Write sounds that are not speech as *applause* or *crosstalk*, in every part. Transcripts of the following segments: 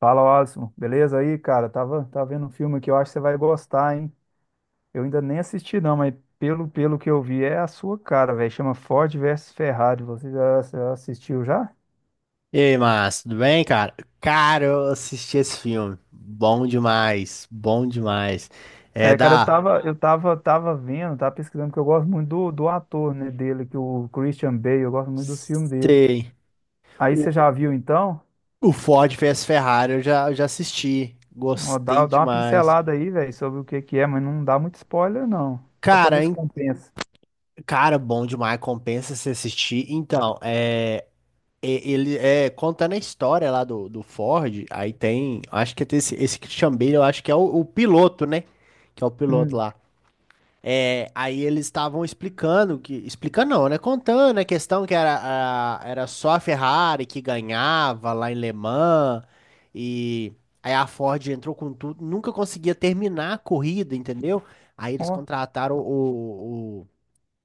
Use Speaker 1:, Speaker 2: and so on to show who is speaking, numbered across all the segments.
Speaker 1: Fala, Alisson. Beleza aí, cara? Tava vendo um filme que eu acho que você vai gostar, hein? Eu ainda nem assisti, não, mas pelo que eu vi, é a sua cara, velho. Chama Ford versus Ferrari. Você já assistiu já?
Speaker 2: E aí, Márcio, tudo bem, cara? Cara, eu assisti esse filme. Bom demais, bom demais. É
Speaker 1: É, cara, eu
Speaker 2: da.
Speaker 1: tava, eu tava, tava vendo, tava pesquisando, porque eu gosto muito do ator, né, dele, que o Christian Bale, eu gosto muito dos filmes dele.
Speaker 2: Sei.
Speaker 1: Aí você
Speaker 2: O,
Speaker 1: já viu, então?
Speaker 2: o Ford vs Ferrari, eu já assisti.
Speaker 1: Ó,
Speaker 2: Gostei
Speaker 1: Dá uma
Speaker 2: demais.
Speaker 1: pincelada aí, velho, sobre o que que é, mas não dá muito spoiler, não. Só pra
Speaker 2: Cara,
Speaker 1: ver se
Speaker 2: hein?
Speaker 1: compensa.
Speaker 2: Cara, bom demais. Compensa se assistir. Então, é, ele é contando a história lá do Ford. Aí tem. Acho que tem esse, esse Christian Bale, eu acho que é o piloto, né? Que é o piloto
Speaker 1: Hum,
Speaker 2: lá. É, aí eles estavam explicando que, explicando não, né? Contando a questão que era, era só a Ferrari que ganhava lá em Le Mans e aí a Ford entrou com tudo, nunca conseguia terminar a corrida, entendeu? Aí eles
Speaker 1: ó.
Speaker 2: contrataram o, o,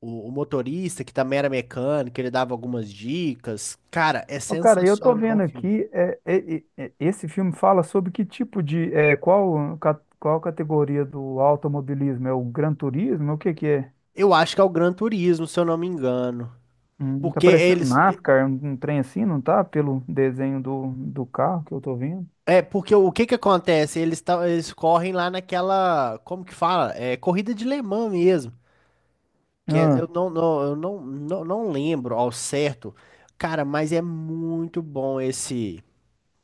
Speaker 2: o, o motorista que também era mecânico, ele dava algumas dicas. Cara, é
Speaker 1: Ô, cara, eu tô
Speaker 2: sensacional o
Speaker 1: vendo
Speaker 2: filme.
Speaker 1: aqui, esse filme fala sobre que tipo de, é, qual, qual categoria do automobilismo? É o Gran Turismo? O que que é?
Speaker 2: Eu acho que é o Gran Turismo, se eu não me engano.
Speaker 1: Tá
Speaker 2: Porque
Speaker 1: parecendo
Speaker 2: eles,
Speaker 1: NASCAR, um trem assim, não tá? Pelo desenho do carro que eu tô vendo.
Speaker 2: é, porque o que que acontece? Eles correm lá naquela, como que fala? É corrida de Le Mans mesmo. Eu
Speaker 1: Ah,
Speaker 2: não, não, eu não lembro ao certo. Cara, mas é muito bom esse.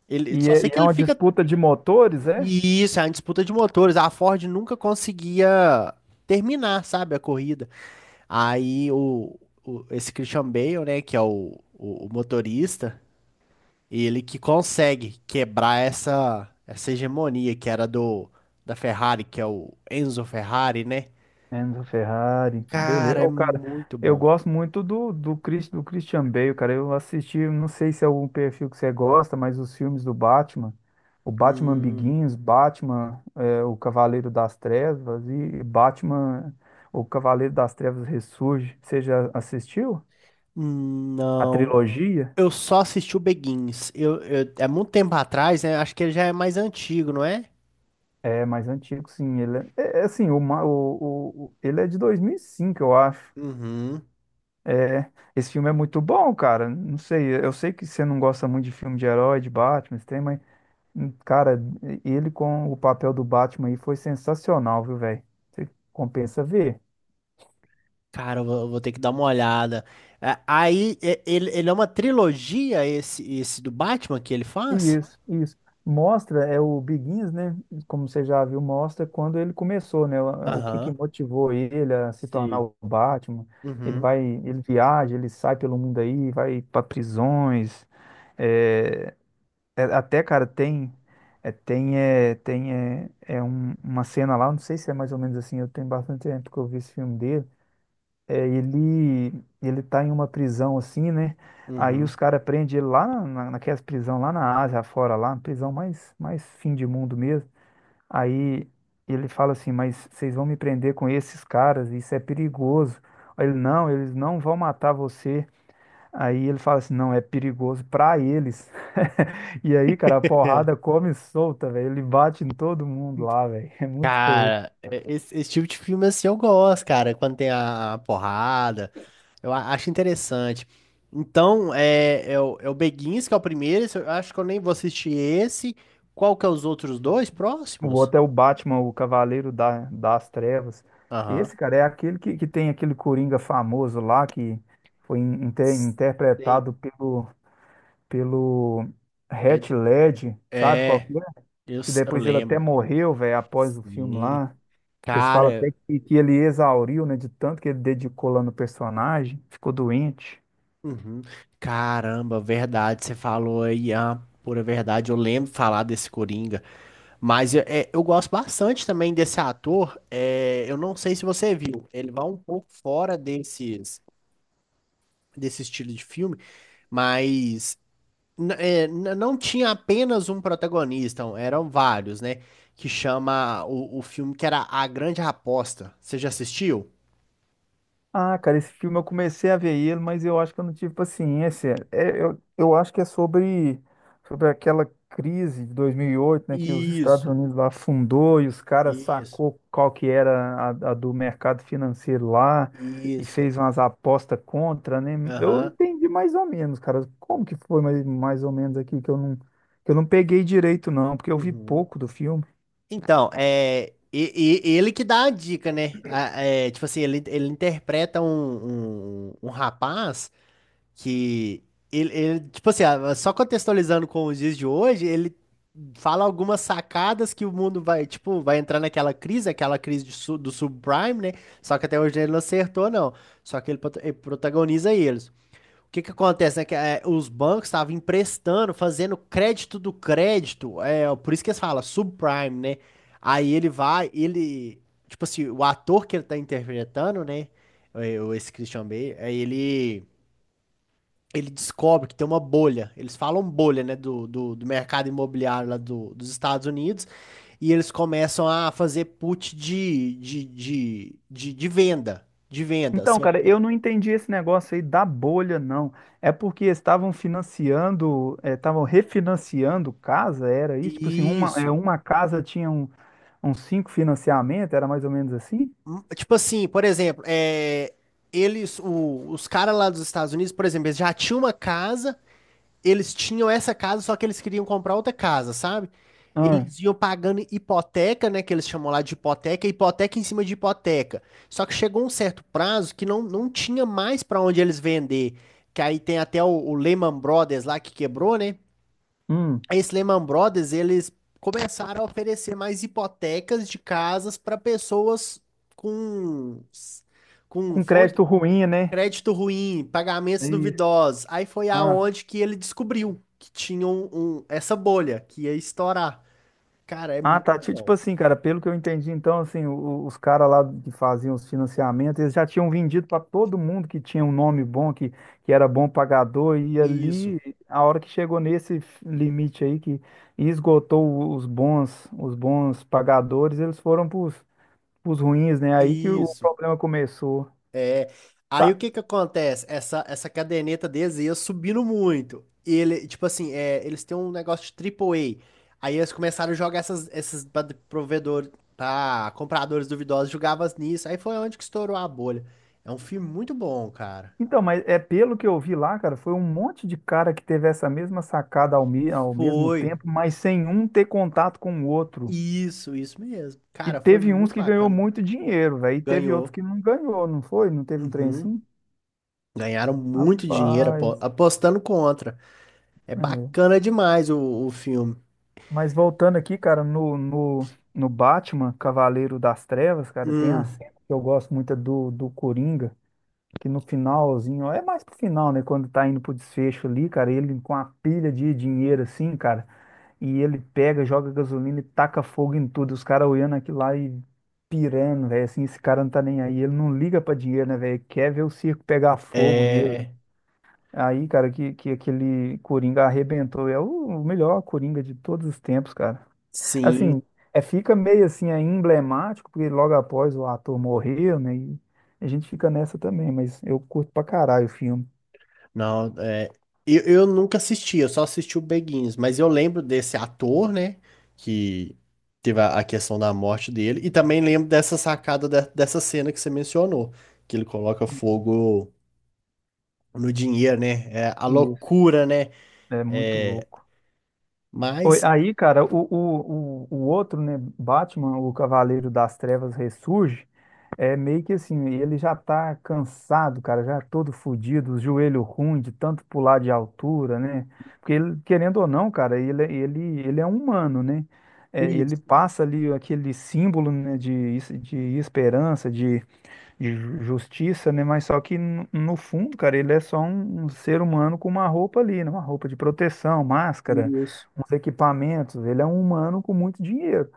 Speaker 2: Ele, só
Speaker 1: e
Speaker 2: sei que
Speaker 1: é
Speaker 2: ele
Speaker 1: uma
Speaker 2: fica.
Speaker 1: disputa de motores, é?
Speaker 2: Isso, é uma disputa de motores. A Ford nunca conseguia terminar, sabe, a corrida. Aí esse Christian Bale, né, que é o motorista. Ele que consegue quebrar essa, essa hegemonia que era do da Ferrari, que é o Enzo Ferrari, né?
Speaker 1: Enzo Ferrari, beleza.
Speaker 2: Cara, é
Speaker 1: Ô, cara,
Speaker 2: muito
Speaker 1: eu
Speaker 2: bom.
Speaker 1: gosto muito do do Christian Bale, cara. Eu assisti, não sei se é algum perfil que você gosta, mas os filmes do Batman, o Batman
Speaker 2: Hum,
Speaker 1: Begins, Batman, é, o Cavaleiro das Trevas e Batman, o Cavaleiro das Trevas Ressurge. Você já assistiu? A
Speaker 2: não.
Speaker 1: trilogia?
Speaker 2: Eu só assisti o Begins. É muito tempo atrás, né? Acho que ele já é mais antigo, não é?
Speaker 1: É mais antigo, sim. Ele é, é é assim, o, ma- o- ele é de 2005, eu acho.
Speaker 2: Uhum.
Speaker 1: É, esse filme é muito bom, cara. Não sei, eu sei que você não gosta muito de filme de herói, de Batman, esse trem, mas, cara, ele com o papel do Batman aí foi sensacional, viu, velho? Você compensa ver.
Speaker 2: Cara, eu vou ter que dar uma olhada. É. Aí, ele, ele é uma trilogia, esse do Batman que ele faz?
Speaker 1: Isso, isso. Mostra, é o Begins, né? Como você já viu, mostra quando ele começou, né? O que
Speaker 2: Aham.
Speaker 1: que motivou ele a se tornar
Speaker 2: Sei.
Speaker 1: o Batman.
Speaker 2: Uhum.
Speaker 1: Ele viaja, ele sai pelo mundo aí, vai para prisões, é, é, até, cara, tem. É uma cena lá, eu não sei se é mais ou menos assim, eu tenho bastante tempo que eu vi esse filme dele. É, ele tá em uma prisão assim, né? Aí os
Speaker 2: Uhum.
Speaker 1: caras prendem ele lá naquelas prisão lá na Ásia, fora lá, prisão mais fim de mundo mesmo. Aí ele fala assim, mas vocês vão me prender com esses caras, isso é perigoso. Aí ele, não, eles não vão matar você. Aí ele fala assim, não, é perigoso pra eles. *laughs* E aí, cara, a porrada come solta, velho. Ele bate em todo mundo lá, velho. *laughs* É muito doido.
Speaker 2: Cara, esse, esse tipo de filme assim eu gosto, cara, quando tem a porrada, eu acho interessante. Então, é, é, o, é o Beguins, que é o primeiro, esse eu acho que eu nem vou assistir esse. Qual que é os outros dois
Speaker 1: O
Speaker 2: próximos?
Speaker 1: outro é o Batman, o Cavaleiro das Trevas.
Speaker 2: Aham.
Speaker 1: Esse, cara, é aquele que tem aquele Coringa famoso lá, que foi
Speaker 2: Sei.
Speaker 1: interpretado pelo
Speaker 2: É,
Speaker 1: Heath Ledger, sabe qual
Speaker 2: é,
Speaker 1: que é? E
Speaker 2: eu
Speaker 1: depois ele até
Speaker 2: lembro.
Speaker 1: morreu, velho, após o filme
Speaker 2: Sim.
Speaker 1: lá. Eles falam até
Speaker 2: Cara,
Speaker 1: que ele exauriu, né, de tanto que ele dedicou lá no personagem, ficou doente.
Speaker 2: uhum. Caramba, verdade, você falou aí a pura verdade. Eu lembro de falar desse Coringa. Mas eu é, eu gosto bastante também desse ator. É, eu não sei se você viu, ele vai um pouco fora desses, desse estilo de filme, mas é, não tinha apenas um protagonista, um, eram vários, né? Que chama o filme que era A Grande Aposta. Você já assistiu?
Speaker 1: Ah, cara, esse filme eu comecei a ver ele, mas eu acho que eu não tive paciência. Eu acho que é sobre, sobre aquela crise de 2008, né, que os Estados
Speaker 2: Isso,
Speaker 1: Unidos lá afundou e os caras
Speaker 2: isso,
Speaker 1: sacou qual que era a do mercado financeiro lá e
Speaker 2: isso.
Speaker 1: fez umas apostas contra, né? Eu
Speaker 2: Aham.
Speaker 1: entendi mais ou menos, cara. Como que foi mais ou menos aqui que eu que eu não peguei direito, não, porque eu vi
Speaker 2: Uhum.
Speaker 1: pouco do filme.
Speaker 2: Então, é, ele que dá a dica, né? É, tipo assim, ele interpreta um, um, um rapaz que ele, tipo assim, ah, só contextualizando com os dias de hoje, ele fala algumas sacadas que o mundo vai, tipo, vai entrar naquela crise, aquela crise de do subprime, né? Só que até hoje ele não acertou, não. Só que ele, ele protagoniza eles. O que que acontece, né? Que é, os bancos estavam emprestando, fazendo crédito do crédito, é, por isso que eles falam subprime, né? Aí ele vai, ele, tipo assim, o ator que ele tá interpretando, né? É, esse Christian Bale, aí ele descobre que tem uma bolha. Eles falam bolha, né? Do mercado imobiliário lá dos Estados Unidos. E eles começam a fazer put de venda. De venda.
Speaker 1: Então,
Speaker 2: Seu,
Speaker 1: cara,
Speaker 2: é,
Speaker 1: eu não entendi esse negócio aí da bolha, não. É porque estavam financiando, estavam refinanciando casa, era isso? Tipo assim,
Speaker 2: isso.
Speaker 1: uma casa tinha uns cinco financiamentos, era mais ou menos assim?
Speaker 2: Tipo assim, por exemplo, é, eles, os caras lá dos Estados Unidos, por exemplo, eles já tinham uma casa, eles tinham essa casa, só que eles queriam comprar outra casa, sabe?
Speaker 1: Ah,
Speaker 2: Eles iam pagando hipoteca, né, que eles chamam lá de hipoteca, hipoteca em cima de hipoteca. Só que chegou um certo prazo que não, não tinha mais para onde eles vender, que aí tem até o Lehman Brothers lá que quebrou, né?
Speaker 1: hum,
Speaker 2: Esse Lehman Brothers, eles começaram a oferecer mais hipotecas de casas para pessoas com, com
Speaker 1: com
Speaker 2: fonte,
Speaker 1: crédito ruim, né?
Speaker 2: crédito ruim,
Speaker 1: É
Speaker 2: pagamentos
Speaker 1: isso.
Speaker 2: duvidosos. Aí foi
Speaker 1: Ah.
Speaker 2: aonde que ele descobriu que tinha um, essa bolha que ia estourar. Cara, é
Speaker 1: Ah,
Speaker 2: muito
Speaker 1: tá. Tipo
Speaker 2: bom.
Speaker 1: assim, cara, pelo que eu entendi, então, assim, os caras lá que faziam os financiamentos, eles já tinham vendido para todo mundo que tinha um nome bom, que era bom pagador, e
Speaker 2: Isso,
Speaker 1: ali, a hora que chegou nesse limite aí, que esgotou os bons pagadores, eles foram pros ruins, né? Aí que o
Speaker 2: isso.
Speaker 1: problema começou.
Speaker 2: É. Aí o
Speaker 1: Tá.
Speaker 2: que que acontece? Essa caderneta deles ia subindo muito. E ele, tipo assim, é, eles têm um negócio de triple A. Aí eles começaram a jogar essas, esses provedor, pra compradores duvidosos, jogavam nisso. Aí foi onde que estourou a bolha. É um filme muito bom, cara.
Speaker 1: Então, mas é pelo que eu vi lá, cara, foi um monte de cara que teve essa mesma sacada ao, ao mesmo
Speaker 2: Foi.
Speaker 1: tempo, mas sem um ter contato com o outro.
Speaker 2: Isso mesmo.
Speaker 1: E
Speaker 2: Cara, foi
Speaker 1: teve uns
Speaker 2: muito
Speaker 1: que ganhou
Speaker 2: bacana.
Speaker 1: muito dinheiro, velho. E teve outros
Speaker 2: Ganhou.
Speaker 1: que não ganhou, não foi? Não teve um trem
Speaker 2: Uhum.
Speaker 1: assim?
Speaker 2: Ganharam muito dinheiro
Speaker 1: Rapaz.
Speaker 2: apostando contra. É
Speaker 1: É.
Speaker 2: bacana demais o filme.
Speaker 1: Mas voltando aqui, cara, no Batman, Cavaleiro das Trevas, cara, tem a
Speaker 2: Hum.
Speaker 1: cena que eu gosto muito é do Coringa, que no finalzinho, ó, é mais pro final, né? Quando tá indo pro desfecho ali, cara, ele com a pilha de dinheiro assim, cara. E ele pega, joga gasolina e taca fogo em tudo. Os caras olhando aquilo lá e pirando, velho. Assim, esse cara não tá nem aí. Ele não liga pra dinheiro, né, velho? Quer ver o circo pegar fogo mesmo.
Speaker 2: É.
Speaker 1: Aí, cara, que aquele Coringa arrebentou. É o melhor Coringa de todos os tempos, cara. Assim,
Speaker 2: Sim,
Speaker 1: é, fica meio assim, é emblemático, porque logo após o ator morreu, né? E a gente fica nessa também, mas eu curto pra caralho o filme.
Speaker 2: não, é, eu nunca assisti, eu só assisti o Beguins, mas eu lembro desse ator, né, que teve a questão da morte dele, e também lembro dessa sacada, dessa cena que você mencionou, que ele coloca fogo no dinheiro, né, é a
Speaker 1: Isso,
Speaker 2: loucura, né,
Speaker 1: é muito
Speaker 2: é,
Speaker 1: louco. Oi,
Speaker 2: mas...
Speaker 1: aí, cara, o outro, né, Batman, o Cavaleiro das Trevas ressurge, é meio que assim, ele já tá cansado, cara, já todo fudido, os joelho ruim de tanto pular de altura, né? Porque ele, querendo ou não, cara, ele é um humano, né? É,
Speaker 2: Isso,
Speaker 1: ele passa ali aquele símbolo, né, de, de esperança, de justiça, né? Mas só que no fundo, cara, ele é só um ser humano com uma roupa ali, né? Uma roupa de proteção, máscara,
Speaker 2: isso.
Speaker 1: uns equipamentos. Ele é um humano com muito dinheiro.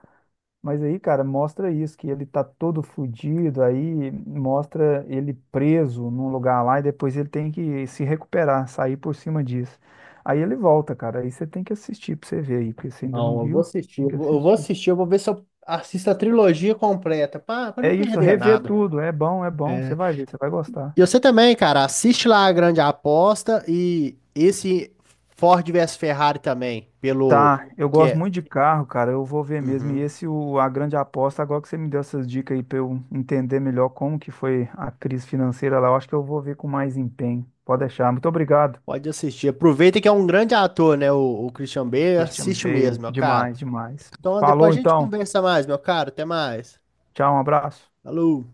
Speaker 1: Mas aí, cara, mostra isso, que ele tá todo fudido, aí mostra ele preso num lugar lá e depois ele tem que se recuperar, sair por cima disso. Aí ele volta, cara. Aí você tem que assistir pra você ver aí, porque você ainda não
Speaker 2: Não, eu vou
Speaker 1: viu,
Speaker 2: assistir,
Speaker 1: tem
Speaker 2: eu
Speaker 1: que
Speaker 2: vou eu vou
Speaker 1: assistir.
Speaker 2: assistir, eu vou ver se eu assisto a trilogia completa, para
Speaker 1: É
Speaker 2: não
Speaker 1: isso,
Speaker 2: perder
Speaker 1: rever
Speaker 2: nada.
Speaker 1: tudo. É bom, é bom. Você
Speaker 2: É.
Speaker 1: vai ver, você vai gostar.
Speaker 2: E você também, cara, assiste lá a Grande Aposta e esse Ford vs Ferrari também, pelo
Speaker 1: Tá, eu
Speaker 2: que
Speaker 1: gosto
Speaker 2: é.
Speaker 1: muito de carro, cara. Eu vou ver mesmo. E
Speaker 2: Uhum.
Speaker 1: esse, o, a grande aposta, agora que você me deu essas dicas aí pra eu entender melhor como que foi a crise financeira lá, eu acho que eu vou ver com mais empenho. Pode
Speaker 2: Então,
Speaker 1: deixar. Muito obrigado,
Speaker 2: pode assistir. Aproveita que é um grande ator, né? O Christian Bale,
Speaker 1: Christian
Speaker 2: assiste mesmo,
Speaker 1: Bale.
Speaker 2: meu cara.
Speaker 1: Demais, demais.
Speaker 2: Então
Speaker 1: Falou
Speaker 2: depois a gente
Speaker 1: então.
Speaker 2: conversa mais, meu cara. Até mais.
Speaker 1: Tchau, um abraço.
Speaker 2: Falou.